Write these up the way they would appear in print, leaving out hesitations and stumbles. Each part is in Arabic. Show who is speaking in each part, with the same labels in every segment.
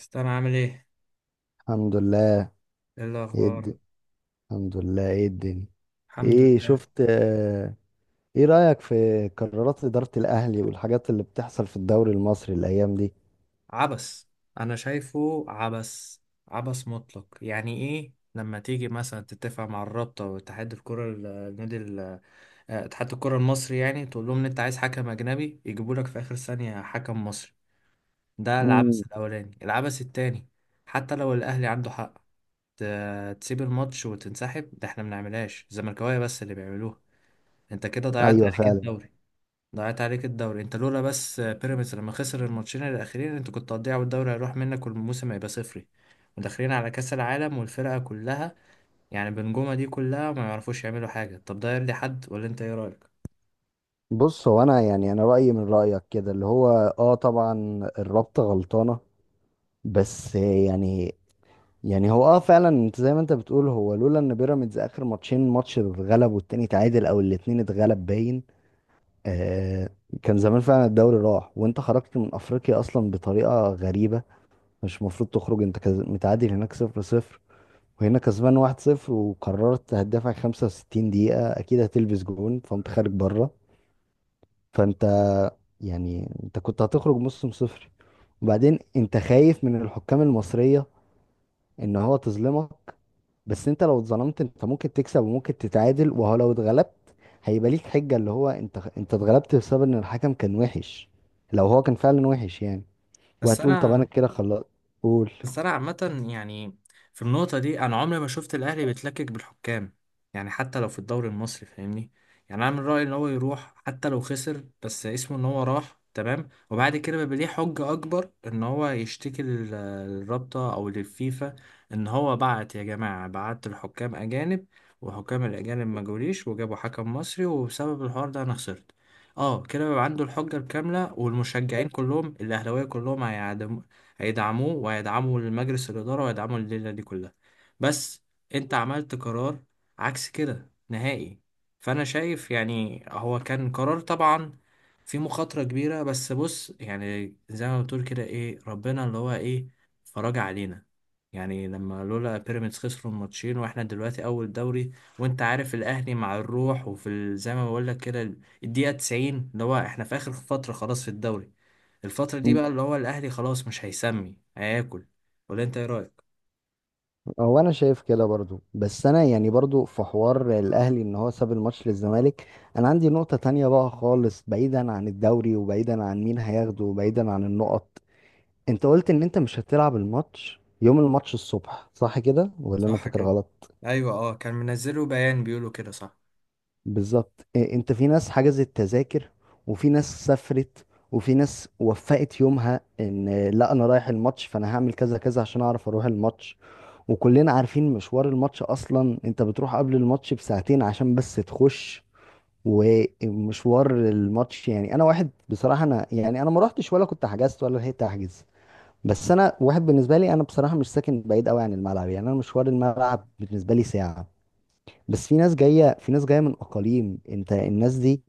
Speaker 1: استنى، عامل ايه؟
Speaker 2: الحمد لله.
Speaker 1: ايه
Speaker 2: ايه الد-
Speaker 1: الاخبار؟
Speaker 2: الحمد لله، ايه الدنيا؟
Speaker 1: الحمد
Speaker 2: ايه
Speaker 1: لله.
Speaker 2: شفت ايه رأيك في قرارات إدارة الأهلي والحاجات اللي بتحصل في الدوري المصري الأيام دي؟
Speaker 1: عبس. انا شايفه عبس. عبس مطلق. يعني ايه لما تيجي مثلا تتفق مع الرابطه واتحاد الكره ال- النادي ال- آه، اتحاد الكره المصري، يعني تقول لهم ان انت عايز حكم اجنبي يجيبوا لك في اخر ثانيه حكم مصري؟ ده
Speaker 2: مم.
Speaker 1: العبث الاولاني، العبث التاني. حتى لو الاهلي عنده حق، تسيب الماتش وتنسحب؟ ده احنا ما بنعملهاش، الزملكاويه بس اللي بيعملوها. انت كده ضيعت
Speaker 2: ايوه
Speaker 1: عليك
Speaker 2: فعلا.
Speaker 1: الدوري. ضاعت عليك الدوري، انت لولا بس بيراميدز لما خسر الماتشين الاخيرين انت كنت هتضيع والدوري هيروح منك والموسم هيبقى صفري. وداخلين على كاس العالم، والفرقه كلها يعني بنجومه دي كلها ما يعرفوش يعملوا حاجه. طب ده يرضي حد؟ ولا انت ايه رايك؟
Speaker 2: بص، هو انا يعني انا رأيي من رأيك كده اللي هو اه طبعا الرابطة غلطانة، بس يعني يعني هو اه فعلا انت زي ما انت بتقول، هو لولا ان بيراميدز اخر ماتشين ماتش اتغلب والتاني اتعادل او الاتنين اتغلب باين آه، كان زمان فعلا الدوري راح. وانت خرجت من افريقيا اصلا بطريقه غريبه. مش المفروض تخرج. انت متعادل هناك صفر صفر، وهنا كسبان واحد صفر، وقررت هتدافع 65 دقيقه، اكيد هتلبس جون، فقمت خارج بره. فانت يعني انت كنت هتخرج موسم صفر. وبعدين انت خايف من الحكام المصريه ان هو تظلمك، بس انت لو اتظلمت انت ممكن تكسب وممكن تتعادل، وهو لو اتغلبت هيبقى ليك حجة اللي هو انت اتغلبت بسبب ان الحكم كان وحش، لو هو كان فعلا وحش يعني.
Speaker 1: بس
Speaker 2: وهتقول طب
Speaker 1: انا
Speaker 2: انا كده خلاص. قول.
Speaker 1: بس انا عامة، يعني في النقطة دي انا عمري ما شفت الاهلي بيتلكك بالحكام، يعني حتى لو في الدوري المصري، فاهمني؟ يعني انا من رأيي ان هو يروح حتى لو خسر، بس اسمه ان هو راح، تمام، وبعد كده بيبقى ليه حجة اكبر ان هو يشتكي للرابطة او للفيفا، ان هو بعت يا جماعة، بعت الحكام اجانب وحكام الاجانب ما جوليش وجابوا حكم مصري، وبسبب الحوار ده انا خسرت. اه، كده بيبقى عنده الحجة الكاملة، والمشجعين كلهم الاهلاوية كلهم هيعدموا، هيدعموه وهيدعموا المجلس الإدارة وهيدعموا الليلة دي كلها. بس أنت عملت قرار عكس كده نهائي. فأنا شايف يعني هو كان قرار طبعا في مخاطرة كبيرة، بس بص، يعني زي ما بتقول كده، إيه، ربنا اللي هو إيه فرج علينا، يعني لما لولا بيراميدز خسروا الماتشين واحنا دلوقتي اول دوري. وانت عارف الاهلي مع الروح، وفي زي ما بقول لك كده، الدقيقه 90 اللي هو احنا في اخر فتره خلاص في الدوري. الفترة دي
Speaker 2: مم.
Speaker 1: بقى اللي هو الأهلي خلاص مش هيسمي هياكل. ولا أنت إيه رأيك؟
Speaker 2: هو انا شايف كده برضو، بس انا يعني برضو في حوار الاهلي ان هو ساب الماتش للزمالك. انا عندي نقطة تانية بقى خالص، بعيدا عن الدوري وبعيدا عن مين هياخده وبعيدا عن النقط. انت قلت ان انت مش هتلعب الماتش يوم الماتش الصبح، صح كده ولا انا
Speaker 1: صح
Speaker 2: فاكر
Speaker 1: كده.
Speaker 2: غلط؟
Speaker 1: ايوه، اه، كان منزله بيان بيقولوا كده، صح.
Speaker 2: بالظبط. انت في ناس حجزت تذاكر وفي ناس سافرت وفي ناس وفقت يومها ان لا انا رايح الماتش، فانا هعمل كذا كذا عشان اعرف اروح الماتش. وكلنا عارفين مشوار الماتش اصلا، انت بتروح قبل الماتش بساعتين عشان بس تخش. ومشوار الماتش يعني، انا واحد بصراحة انا يعني انا ما روحتش ولا كنت حجزت ولا لحقت احجز. بس انا واحد، بالنسبة لي انا بصراحة مش ساكن بعيد قوي عن الملعب، يعني انا مشوار الملعب بالنسبة لي ساعة. بس في ناس جايه، من اقاليم. انت الناس دي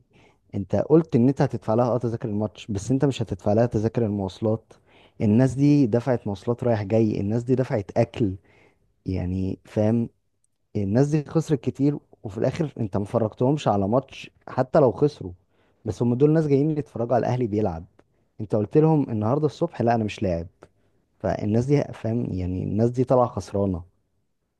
Speaker 2: انت قلت ان انت هتدفع لها اه تذاكر الماتش، بس انت مش هتدفع لها تذاكر المواصلات. الناس دي دفعت مواصلات رايح جاي، الناس دي دفعت اكل، يعني فاهم؟ الناس دي خسرت كتير، وفي الاخر انت ما فرجتهمش على ماتش حتى لو خسروا. بس هم دول ناس جايين يتفرجوا على الاهلي بيلعب. انت قلت لهم النهارده الصبح لا انا مش لاعب. فالناس دي، فاهم يعني، الناس دي طالعه خسرانه.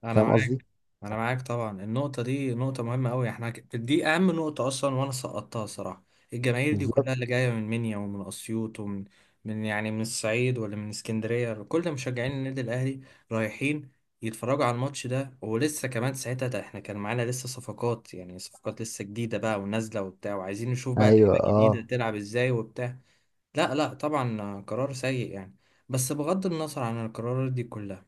Speaker 1: انا
Speaker 2: فاهم قصدي؟
Speaker 1: معاك. انا معاك طبعا، النقطه دي نقطه مهمه قوي، احنا دي اهم نقطه اصلا، وانا سقطتها صراحه. الجماهير دي
Speaker 2: بالظبط.
Speaker 1: كلها اللي جايه من منيا ومن اسيوط ومن يعني من الصعيد ولا من اسكندريه، كل مشجعين النادي الاهلي رايحين يتفرجوا على الماتش ده، ولسه كمان ساعتها ده احنا كان معانا لسه صفقات، يعني صفقات لسه جديده بقى ونازله وبتاع، وعايزين نشوف بقى
Speaker 2: ايوه
Speaker 1: لعيبه جديده
Speaker 2: اه.
Speaker 1: تلعب ازاي وبتاع. لا لا، طبعا قرار سيء يعني. بس بغض النظر عن القرارات دي كلها،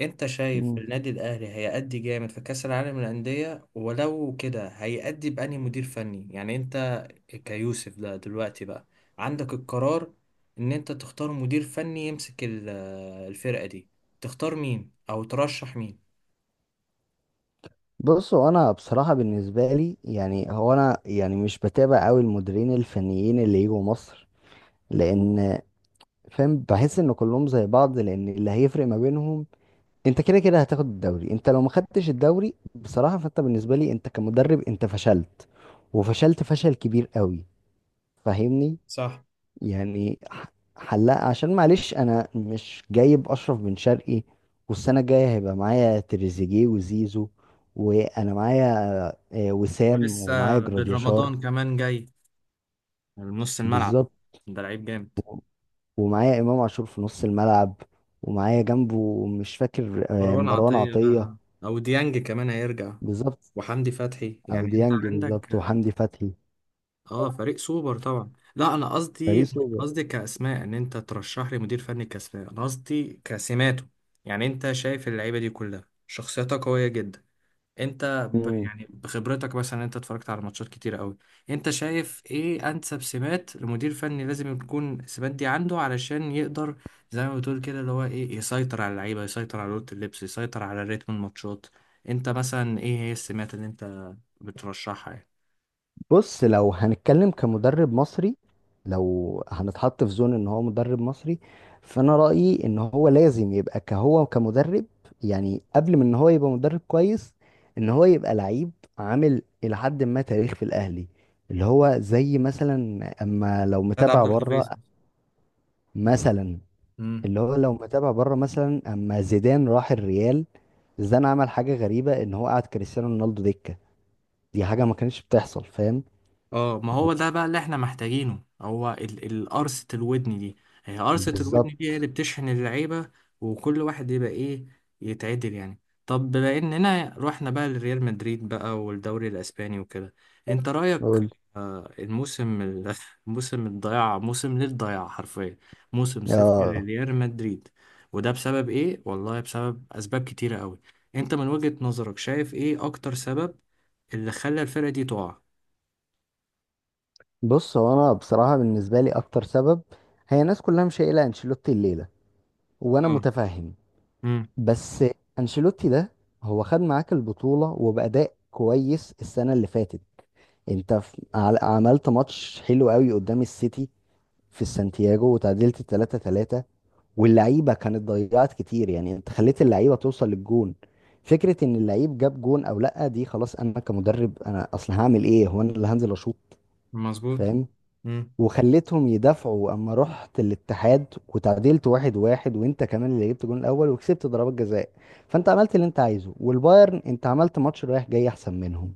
Speaker 1: انت شايف النادي الاهلي هيأدي جامد في كأس العالم للأندية؟ ولو كده هيأدي بأنهي مدير فني؟ يعني انت كيوسف ده دلوقتي بقى عندك القرار ان انت تختار مدير فني يمسك الفرقة دي، تختار مين او ترشح مين؟
Speaker 2: بصوا، انا بصراحه بالنسبه لي يعني هو انا يعني مش بتابع قوي المديرين الفنيين اللي يجوا مصر، لان فاهم، بحس ان كلهم زي بعض، لان اللي هيفرق ما بينهم انت كده كده هتاخد الدوري. انت لو ما خدتش الدوري بصراحه، فانت بالنسبه لي انت كمدرب انت فشلت، وفشلت فشل كبير قوي، فاهمني؟
Speaker 1: صح.
Speaker 2: يعني ح- حلاق، عشان معلش انا مش جايب اشرف بن شرقي، والسنه الجايه هيبقى معايا تريزيجيه وزيزو، وانا معايا وسام،
Speaker 1: ولسه
Speaker 2: ومعايا
Speaker 1: بن
Speaker 2: جراديشار.
Speaker 1: رمضان كمان جاي، من نص الملعب.
Speaker 2: بالظبط.
Speaker 1: ده لعيب جامد.
Speaker 2: ومعايا امام عاشور في نص الملعب، ومعايا جنبه مش فاكر
Speaker 1: مروان
Speaker 2: مروان
Speaker 1: عطية
Speaker 2: عطيه.
Speaker 1: بقى، او ديانج كمان هيرجع،
Speaker 2: بالظبط،
Speaker 1: وحمدي فتحي،
Speaker 2: او
Speaker 1: يعني انت
Speaker 2: ديانج. بالظبط،
Speaker 1: عندك.
Speaker 2: وحمدي فتحي.
Speaker 1: اه، فريق سوبر طبعا. لا، انا قصدي
Speaker 2: فريق
Speaker 1: مش
Speaker 2: سوبر.
Speaker 1: قصدي كاسماء ان انت ترشح لي مدير فني كاسماء، انا قصدي كسماته. يعني انت شايف اللعيبه دي كلها شخصيتها قويه جدا، انت
Speaker 2: مم.
Speaker 1: يعني بخبرتك مثلا، انت اتفرجت على ماتشات كتير قوي، انت شايف ايه انسب سمات لمدير فني لازم تكون السمات دي عنده علشان يقدر، زي ما بتقول كده اللي هو ايه، يسيطر على اللعيبه، يسيطر على اوضه اللبس، يسيطر على رتم الماتشات؟ انت مثلا ايه هي السمات اللي انت بترشحها يعني؟
Speaker 2: بص، لو هنتكلم كمدرب مصري، لو هنتحط في زون ان هو مدرب مصري، فانا رأيي ان هو لازم يبقى كهو كمدرب، يعني قبل من ان هو يبقى مدرب كويس ان هو يبقى لعيب عامل الى حد ما تاريخ في الاهلي، اللي هو زي مثلا. اما لو
Speaker 1: سيد
Speaker 2: متابع
Speaker 1: عبد
Speaker 2: بره
Speaker 1: الحفيظ.
Speaker 2: مثلا، اللي هو لو متابع بره مثلا، اما زيدان راح الريال، زيدان عمل حاجة غريبة ان هو قعد كريستيانو رونالدو دكة. دي حاجة ما كانتش بتحصل، فاهم؟
Speaker 1: اه، ما هو ده بقى اللي احنا محتاجينه، هو القرصة الودن دي. هي قرصة الودن
Speaker 2: بالظبط.
Speaker 1: دي هي اللي بتشحن اللعيبة، وكل واحد يبقى ايه، يتعدل يعني. طب بما اننا رحنا بقى لريال مدريد بقى والدوري الاسباني وكده، انت رأيك؟ الموسم موسم الضياع، موسم للضياع حرفيا، موسم صفر
Speaker 2: اه.
Speaker 1: لريال مدريد. وده بسبب ايه؟ والله بسبب اسباب كتيرة قوي. انت من وجهة نظرك شايف ايه اكتر سبب اللي خلى الفرقة دي تقع؟
Speaker 2: بص، هو انا بصراحه بالنسبه لي اكتر سبب هي الناس كلها مش قايله انشيلوتي الليله، وانا متفهم.
Speaker 1: امم.
Speaker 2: بس انشيلوتي ده هو خد معاك البطوله وباداء كويس السنه اللي فاتت. انت عملت ماتش حلو قوي قدام السيتي في السانتياغو، وتعادلت 3-3، واللعيبه كانت ضيعت كتير، يعني انت خليت اللعيبه توصل للجون. فكره ان اللعيب جاب جون او لا، دي خلاص انا كمدرب انا اصلا هعمل ايه؟ هو انا اللي هنزل اشوط؟
Speaker 1: مظبوط.
Speaker 2: فاهم.
Speaker 1: مم.
Speaker 2: وخليتهم يدافعوا. اما رحت الاتحاد وتعادلت واحد واحد، وانت كمان اللي جبت جون الاول وكسبت ضربات جزاء، فانت عملت اللي انت عايزه. والبايرن انت عملت ماتش رايح جاي احسن منهم،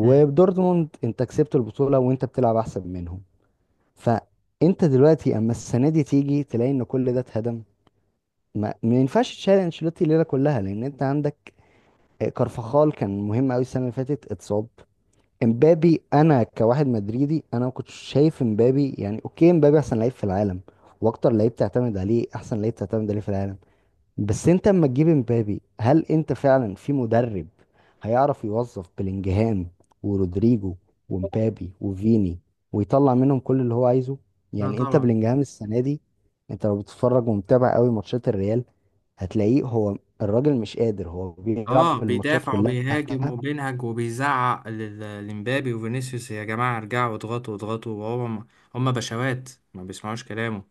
Speaker 1: مم.
Speaker 2: انت كسبت البطولة وانت بتلعب احسن منهم. فانت دلوقتي اما السنة دي تيجي تلاقي ان كل ده اتهدم، ما ينفعش تشيل انشيلوتي الليلة كلها، لان انت عندك كارفخال كان مهم قوي السنة اللي فاتت اتصاب. امبابي، انا كواحد مدريدي انا ما كنتش شايف امبابي، يعني اوكي امبابي احسن لعيب في العالم واكتر لعيب تعتمد عليه، احسن لعيب تعتمد عليه في العالم، بس انت اما تجيب امبابي هل انت فعلا في مدرب هيعرف يوظف بلينجهام ورودريجو ومبابي وفيني ويطلع منهم كل اللي هو عايزه؟
Speaker 1: لا،
Speaker 2: يعني انت
Speaker 1: طبعا.
Speaker 2: بلينجهام السنه دي، انت لو بتتفرج ومتابع قوي ماتشات الريال هتلاقيه هو الراجل مش قادر، هو
Speaker 1: اه،
Speaker 2: بيلعب الماتشات
Speaker 1: بيدافع
Speaker 2: كلها.
Speaker 1: وبيهاجم وبينهج وبيزعق لمبابي وفينيسيوس، يا جماعه ارجعوا اضغطوا اضغطوا، وهو هم بشوات ما بيسمعوش كلامه.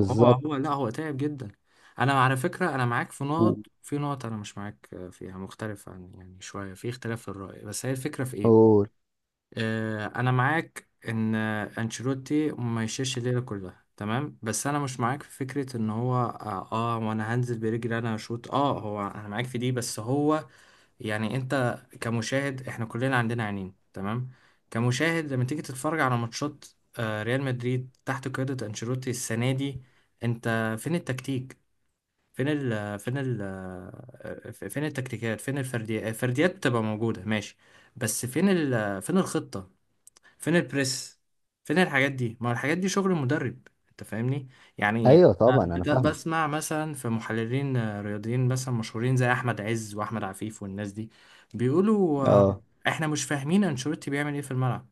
Speaker 1: وهو هو لا، هو تعب جدا. انا على فكره، انا معاك في نقط، في نقط انا مش معاك فيها، مختلف عن يعني شويه، في اختلاف في الراي، بس هي الفكره في ايه؟ انا معاك ان انشيلوتي ما يشيلش الليله كلها، تمام، بس انا مش معاك في فكره ان هو وانا هنزل برجلي انا اشوط، اه، هو انا معاك في دي بس هو، يعني انت كمشاهد، احنا كلنا عندنا عينين، تمام. كمشاهد لما تيجي تتفرج على ماتشات ريال مدريد تحت قياده انشيلوتي السنه دي، انت فين التكتيك؟ فين ال فين ال آه، فين التكتيكات؟ فين الفرديات؟ الفرديات بتبقى موجوده، ماشي، بس فين الخطة؟ فين البريس؟ فين الحاجات دي؟ ما هو الحاجات دي شغل المدرب، انت فاهمني يعني.
Speaker 2: ايوه
Speaker 1: أنا
Speaker 2: طبعا انا فاهمه.
Speaker 1: بسمع مثلا في محللين رياضيين مثلا مشهورين زي احمد عز واحمد عفيف والناس دي، بيقولوا
Speaker 2: اه،
Speaker 1: احنا مش فاهمين انشيلوتي بيعمل ايه في الملعب.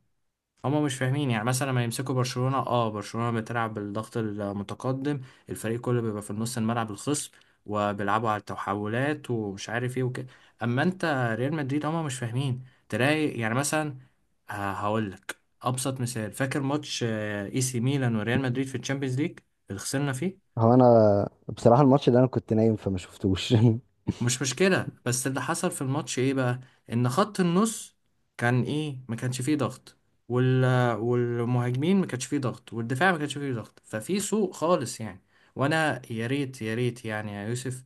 Speaker 1: هما مش فاهمين، يعني مثلا لما يمسكوا برشلونة، برشلونة بتلعب بالضغط المتقدم، الفريق كله بيبقى في النص الملعب الخصم، وبيلعبوا على التحولات ومش عارف ايه وكده. اما انت ريال مدريد هما مش فاهمين. تلاقي يعني مثلا، هقول لك ابسط مثال، فاكر ماتش اي سي ميلان وريال مدريد في الشامبيونز ليج اللي خسرنا فيه؟
Speaker 2: هو انا بصراحه الماتش ده انا كنت نايم فما شفتوش.
Speaker 1: مش مشكلة، بس اللي حصل في الماتش ايه بقى؟ ان خط النص كان ايه، ما كانش فيه ضغط، وال... والمهاجمين ما كانش فيه ضغط، والدفاع ما كانش فيه ضغط، ففي سوء خالص يعني. وانا يا ريت يا ريت، يعني يا يوسف،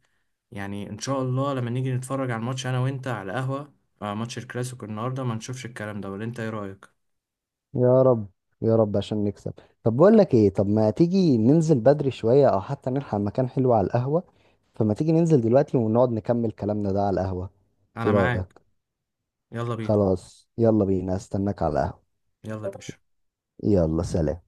Speaker 1: يعني ان شاء الله لما نيجي نتفرج على الماتش انا وانت على قهوة، ماتش الكلاسيكو النهاردة ما نشوفش الكلام ده. ولا انت ايه رأيك؟
Speaker 2: يا رب، يا رب عشان نكسب. طب بقول لك ايه، طب ما تيجي ننزل بدري شويه او حتى نلحق مكان حلو على القهوه، فما تيجي ننزل دلوقتي ونقعد نكمل كلامنا ده على القهوه، ايه
Speaker 1: انا
Speaker 2: رايك؟
Speaker 1: معاك. يلا بينا.
Speaker 2: خلاص، يلا بينا، استناك على القهوه.
Speaker 1: يلا يا باشا.
Speaker 2: يلا سلام.